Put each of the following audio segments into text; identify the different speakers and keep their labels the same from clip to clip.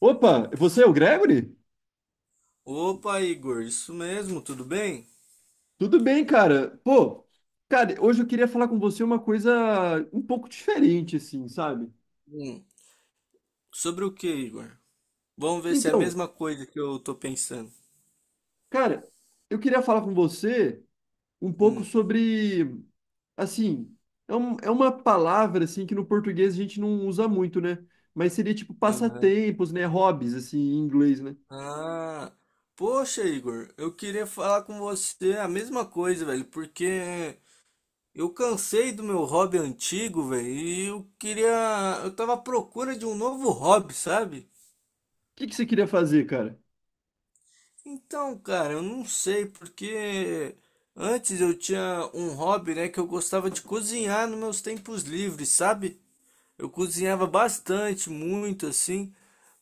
Speaker 1: Opa, você é o Gregory?
Speaker 2: Opa, Igor, isso mesmo, tudo bem?
Speaker 1: Tudo bem, cara? Pô, cara, hoje eu queria falar com você uma coisa um pouco diferente, assim, sabe?
Speaker 2: Hum, sobre o que, Igor? Vamos ver se é a
Speaker 1: Então,
Speaker 2: mesma coisa que eu tô pensando.
Speaker 1: cara, eu queria falar com você um pouco
Speaker 2: Hum,
Speaker 1: sobre, assim, é uma palavra, assim, que no português a gente não usa muito, né? Mas seria tipo
Speaker 2: aham.
Speaker 1: passatempos, né? Hobbies, assim, em inglês, né? O
Speaker 2: Ah, Poxa, Igor, eu queria falar com você a mesma coisa, velho, porque eu cansei do meu hobby antigo, velho, eu tava à procura de um novo hobby, sabe?
Speaker 1: que que você queria fazer, cara?
Speaker 2: Então, cara, eu não sei, porque antes eu tinha um hobby, né, que eu gostava de cozinhar nos meus tempos livres, sabe? Eu cozinhava bastante, muito assim,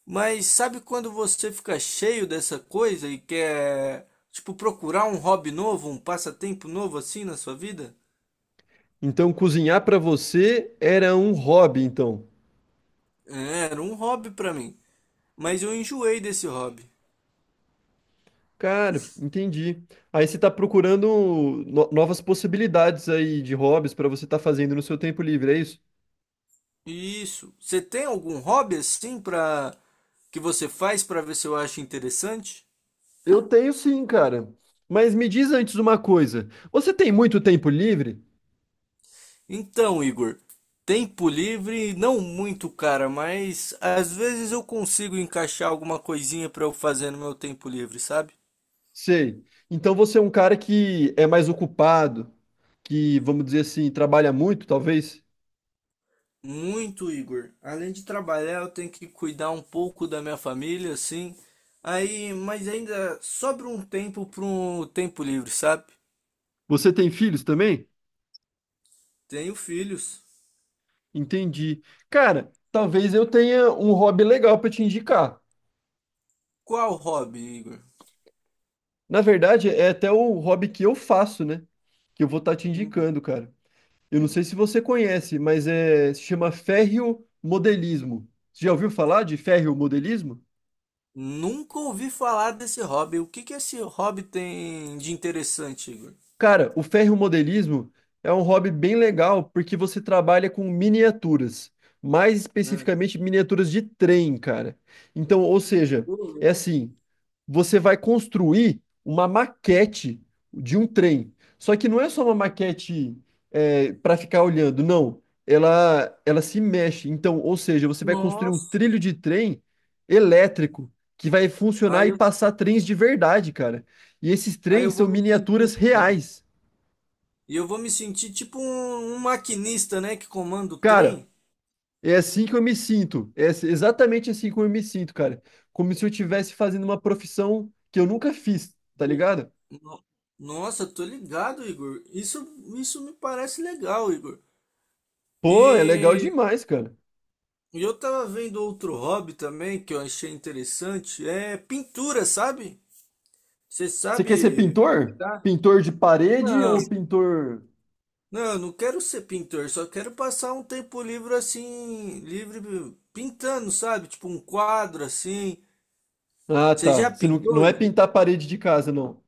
Speaker 2: mas sabe quando você fica cheio dessa coisa e quer, tipo, procurar um hobby novo, um passatempo novo assim na sua vida?
Speaker 1: Então, cozinhar pra você era um hobby, então.
Speaker 2: É, era um hobby pra mim, mas eu enjoei desse hobby.
Speaker 1: Cara, entendi. Aí você tá procurando novas possibilidades aí de hobbies pra você estar fazendo no seu tempo livre, é isso?
Speaker 2: Isso. Você tem algum hobby assim pra que você faz pra ver se eu acho interessante?
Speaker 1: Eu tenho sim, cara. Mas me diz antes uma coisa. Você tem muito tempo livre?
Speaker 2: Então, Igor, tempo livre, não muito, cara, mas às vezes eu consigo encaixar alguma coisinha pra eu fazer no meu tempo livre, sabe?
Speaker 1: Sei. Então você é um cara que é mais ocupado, que, vamos dizer assim, trabalha muito, talvez?
Speaker 2: Muito, Igor. Além de trabalhar, eu tenho que cuidar um pouco da minha família, assim. Aí, mas ainda sobra um tempo para um tempo livre, sabe?
Speaker 1: Você tem filhos também?
Speaker 2: Tenho filhos.
Speaker 1: Entendi. Cara, talvez eu tenha um hobby legal pra te indicar.
Speaker 2: Qual hobby, Igor?
Speaker 1: Na verdade, é até o hobby que eu faço, né? Que eu vou estar te
Speaker 2: Hum,
Speaker 1: indicando, cara. Eu não sei se você conhece, mas se chama ferriomodelismo. Você já ouviu falar de ferriomodelismo?
Speaker 2: Nunca ouvi falar desse hobby. O que que esse hobby tem de interessante, Igor?
Speaker 1: Cara, o ferromodelismo é um hobby bem legal porque você trabalha com miniaturas, mais
Speaker 2: É.
Speaker 1: especificamente miniaturas de trem, cara. Então, ou seja,
Speaker 2: Ô,
Speaker 1: é
Speaker 2: louco.
Speaker 1: assim, você vai construir uma maquete de um trem. Só que não é só uma maquete para ficar olhando, não. Ela se mexe. Então, ou seja, você vai construir um
Speaker 2: Nossa.
Speaker 1: trilho de trem elétrico que vai funcionar
Speaker 2: Aí
Speaker 1: e
Speaker 2: eu,
Speaker 1: passar trens de verdade, cara. E esses
Speaker 2: aí eu
Speaker 1: trens
Speaker 2: vou
Speaker 1: são
Speaker 2: me
Speaker 1: miniaturas
Speaker 2: sentir. Ah, não.
Speaker 1: reais.
Speaker 2: E eu vou me sentir tipo um maquinista, né, que comanda o
Speaker 1: Cara,
Speaker 2: trem.
Speaker 1: é assim que eu me sinto. Exatamente assim como eu me sinto, cara. Como se eu estivesse fazendo uma profissão que eu nunca fiz, tá
Speaker 2: E-
Speaker 1: ligado?
Speaker 2: no- Nossa, tô ligado, Igor. Isso, isso me parece legal, Igor.
Speaker 1: Pô, é legal
Speaker 2: E
Speaker 1: demais, cara.
Speaker 2: e eu tava vendo outro hobby também que eu achei interessante, é pintura, sabe? Você
Speaker 1: Você quer ser
Speaker 2: sabe
Speaker 1: pintor?
Speaker 2: pintar?
Speaker 1: Pintor de parede
Speaker 2: Não,
Speaker 1: ou pintor.
Speaker 2: não, eu não quero ser pintor, só quero passar um tempo livre assim, livre pintando, sabe? Tipo um quadro assim.
Speaker 1: Ah,
Speaker 2: Você
Speaker 1: tá.
Speaker 2: já
Speaker 1: Você não
Speaker 2: pintou,
Speaker 1: é
Speaker 2: Igor?
Speaker 1: pintar parede de casa, não.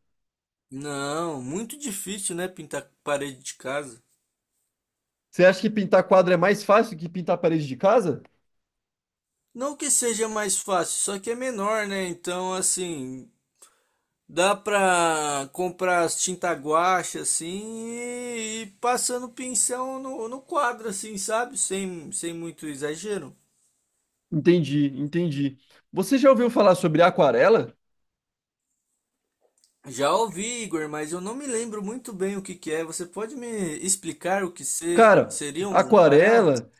Speaker 2: Não, muito difícil, né, pintar parede de casa.
Speaker 1: Você acha que pintar quadro é mais fácil que pintar parede de casa?
Speaker 2: Não que seja mais fácil, só que é menor, né? Então, assim, dá pra comprar as tinta guache, assim, e passando pincel no quadro, assim, sabe? Sem muito exagero.
Speaker 1: Entendi, entendi. Você já ouviu falar sobre aquarela?
Speaker 2: Já ouvi, Igor, mas eu não me lembro muito bem o que que é. Você pode me explicar o que se,
Speaker 1: Cara,
Speaker 2: seria uma aquarela?
Speaker 1: aquarela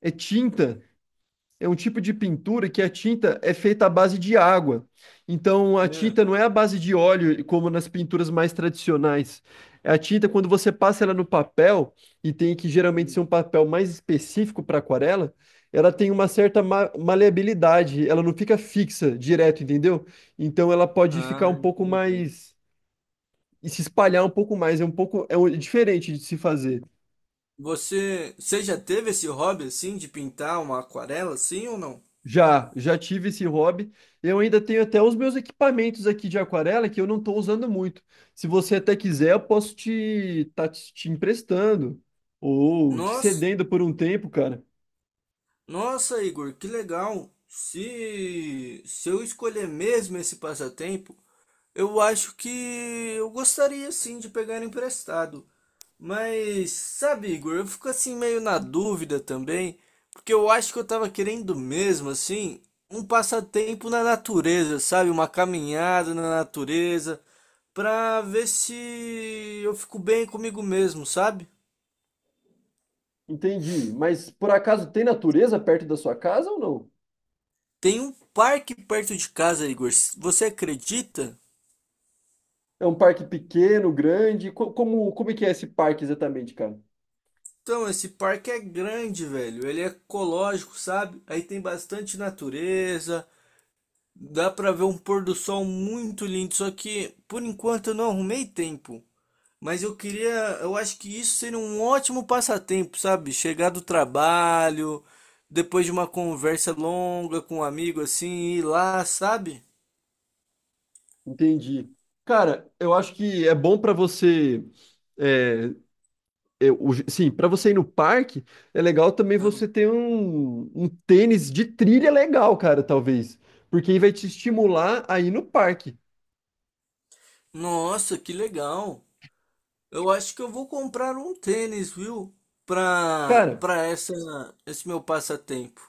Speaker 1: é tinta é um tipo de pintura que a tinta é feita à base de água. Então a
Speaker 2: É.
Speaker 1: tinta não é à base de óleo, como nas pinturas mais tradicionais. A tinta, quando você passa ela no papel, e tem que geralmente ser um papel mais específico para aquarela, ela tem uma certa maleabilidade, ela não fica fixa direto, entendeu? Então ela pode ficar
Speaker 2: Ah,
Speaker 1: um pouco
Speaker 2: entendi.
Speaker 1: mais, e se espalhar um pouco mais, é um pouco, é diferente de se fazer.
Speaker 2: Você já teve esse hobby, assim, de pintar uma aquarela, assim ou não?
Speaker 1: Já, já tive esse hobby. Eu ainda tenho até os meus equipamentos aqui de aquarela que eu não estou usando muito. Se você até quiser, eu posso te emprestando ou te
Speaker 2: Nossa.
Speaker 1: cedendo por um tempo, cara.
Speaker 2: Nossa, Igor, que legal! Se eu escolher mesmo esse passatempo, eu acho que eu gostaria sim de pegar emprestado. Mas, sabe, Igor, eu fico assim meio na dúvida também, porque eu acho que eu tava querendo mesmo, assim, um passatempo na natureza, sabe? Uma caminhada na natureza, pra ver se eu fico bem comigo mesmo, sabe?
Speaker 1: Entendi. Mas por acaso tem natureza perto da sua casa ou não?
Speaker 2: Tem um parque perto de casa, Igor. Você acredita?
Speaker 1: É um parque pequeno, grande? Como, como é que é esse parque exatamente, cara?
Speaker 2: Então, esse parque é grande, velho. Ele é ecológico, sabe? Aí tem bastante natureza. Dá pra ver um pôr do sol muito lindo. Só que, por enquanto, eu não arrumei tempo. Mas eu queria. Eu acho que isso seria um ótimo passatempo, sabe? Chegar do trabalho, depois de uma conversa longa com um amigo assim, ir lá, sabe?
Speaker 1: Entendi. Cara, eu acho que é bom para você é, sim, para você ir no parque, é legal também
Speaker 2: Ah,
Speaker 1: você ter um tênis de trilha legal, cara, talvez. Porque aí vai te estimular a ir no parque.
Speaker 2: Nossa, que legal! Eu acho que eu vou comprar um tênis, viu? Pra,
Speaker 1: Cara,
Speaker 2: pra essa, esse meu passatempo.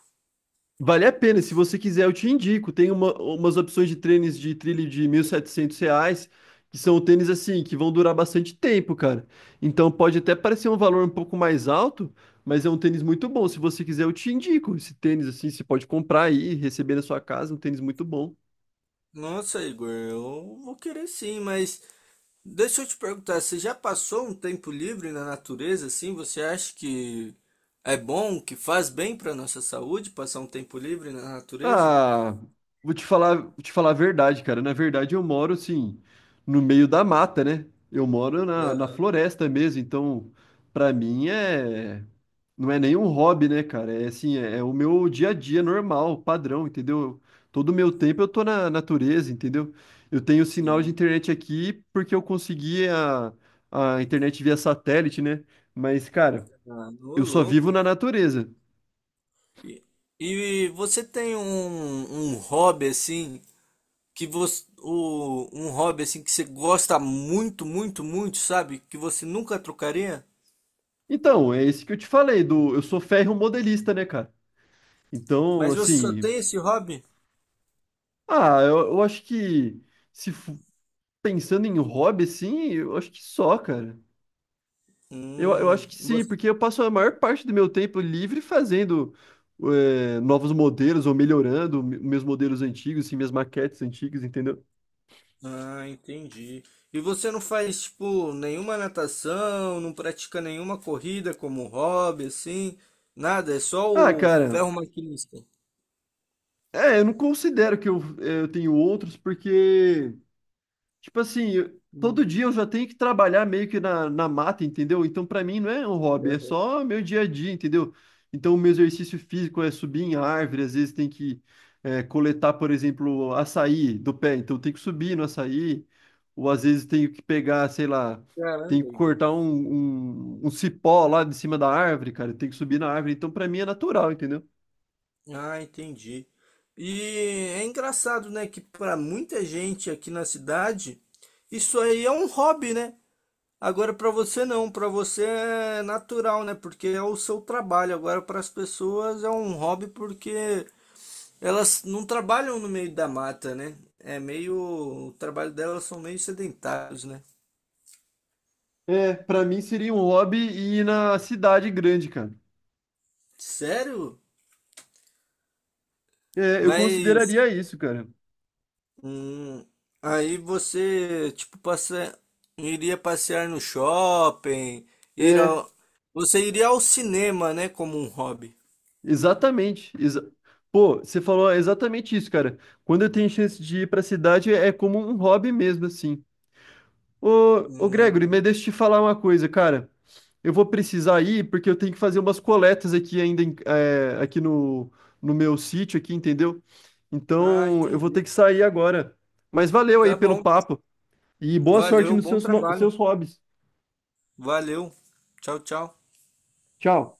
Speaker 1: vale a pena. Se você quiser, eu te indico. Tem umas opções de tênis de trilha de R$ 1.700, que são tênis assim, que vão durar bastante tempo, cara. Então pode até parecer um valor um pouco mais alto, mas é um tênis muito bom. Se você quiser, eu te indico. Esse tênis assim, você pode comprar aí, receber na sua casa, um tênis muito bom.
Speaker 2: Nossa, Igor, eu vou querer sim, mas deixa eu te perguntar, você já passou um tempo livre na natureza, assim? Você acha que é bom, que faz bem para nossa saúde passar um tempo livre na natureza?
Speaker 1: Ah, vou te falar a verdade, cara. Na verdade, eu moro assim, no meio da mata, né? Eu moro na, na
Speaker 2: Aham,
Speaker 1: floresta mesmo, então pra mim é não é nenhum hobby, né, cara? É assim, é, é o meu dia a dia normal, padrão, entendeu? Todo o meu tempo eu tô na natureza, entendeu? Eu tenho sinal de
Speaker 2: sim.
Speaker 1: internet aqui porque eu consegui a internet via satélite, né? Mas, cara,
Speaker 2: Ah, ô
Speaker 1: eu só vivo
Speaker 2: louco.
Speaker 1: na natureza.
Speaker 2: E, e você tem um hobby assim um hobby assim que você gosta muito, muito, muito, sabe? Que você nunca trocaria?
Speaker 1: Então, é esse que eu te falei, do eu sou ferro modelista, né, cara? Então,
Speaker 2: Mas você só
Speaker 1: assim,
Speaker 2: tem esse hobby?
Speaker 1: ah, eu acho que se fu- pensando em hobby, assim, eu acho que só, cara. Eu
Speaker 2: Hum,
Speaker 1: acho que sim, porque eu passo a maior parte do meu tempo livre fazendo é, novos modelos ou melhorando meus modelos antigos, assim, minhas maquetes antigas, entendeu?
Speaker 2: Ah, entendi. E você não faz, tipo, nenhuma natação, não pratica nenhuma corrida como hobby, assim? Nada, é só
Speaker 1: Ah,
Speaker 2: o
Speaker 1: cara,
Speaker 2: ferro maquinista.
Speaker 1: é, eu não considero que eu tenho outros, porque tipo assim, todo
Speaker 2: Hum,
Speaker 1: dia eu já tenho que trabalhar meio que na, na mata, entendeu? Então, pra mim, não é um hobby, é
Speaker 2: aham.
Speaker 1: só meu dia a dia, entendeu? Então, o meu exercício físico é subir em árvore, às vezes tem que é, coletar, por exemplo, açaí do pé, então tem que subir no açaí, ou às vezes tenho que pegar, sei lá, tenho que
Speaker 2: Caramba, Igor.
Speaker 1: cortar um cipó lá de cima da árvore, cara, tem que subir na árvore, então pra mim é natural, entendeu?
Speaker 2: Ah, entendi. E é engraçado, né, que para muita gente aqui na cidade, isso aí é um hobby, né? Agora para você não, para você é natural, né? Porque é o seu trabalho. Agora para as pessoas é um hobby porque elas não trabalham no meio da mata, né? É meio. O trabalho delas são meio sedentários, né?
Speaker 1: É, pra mim seria um hobby ir na cidade grande, cara.
Speaker 2: Sério?
Speaker 1: É, eu
Speaker 2: Mas.
Speaker 1: consideraria isso, cara.
Speaker 2: Hum, aí você, tipo, passa iria passear no shopping, ir
Speaker 1: É,
Speaker 2: ao. Você iria ao cinema, né? Como um hobby.
Speaker 1: exatamente. Pô, você falou exatamente isso, cara. Quando eu tenho chance de ir pra cidade, é como um hobby mesmo, assim. Ô Gregory,
Speaker 2: Hum,
Speaker 1: mas deixa eu te falar uma coisa, cara. Eu vou precisar ir porque eu tenho que fazer umas coletas aqui ainda, aqui no, no meu sítio aqui, entendeu?
Speaker 2: Ah,
Speaker 1: Então, eu vou ter
Speaker 2: entendi.
Speaker 1: que sair agora. Mas valeu aí
Speaker 2: Tá
Speaker 1: pelo
Speaker 2: bom.
Speaker 1: papo e boa sorte
Speaker 2: Valeu,
Speaker 1: nos
Speaker 2: bom
Speaker 1: seus,
Speaker 2: trabalho.
Speaker 1: seus hobbies.
Speaker 2: Valeu. Tchau, tchau.
Speaker 1: Tchau.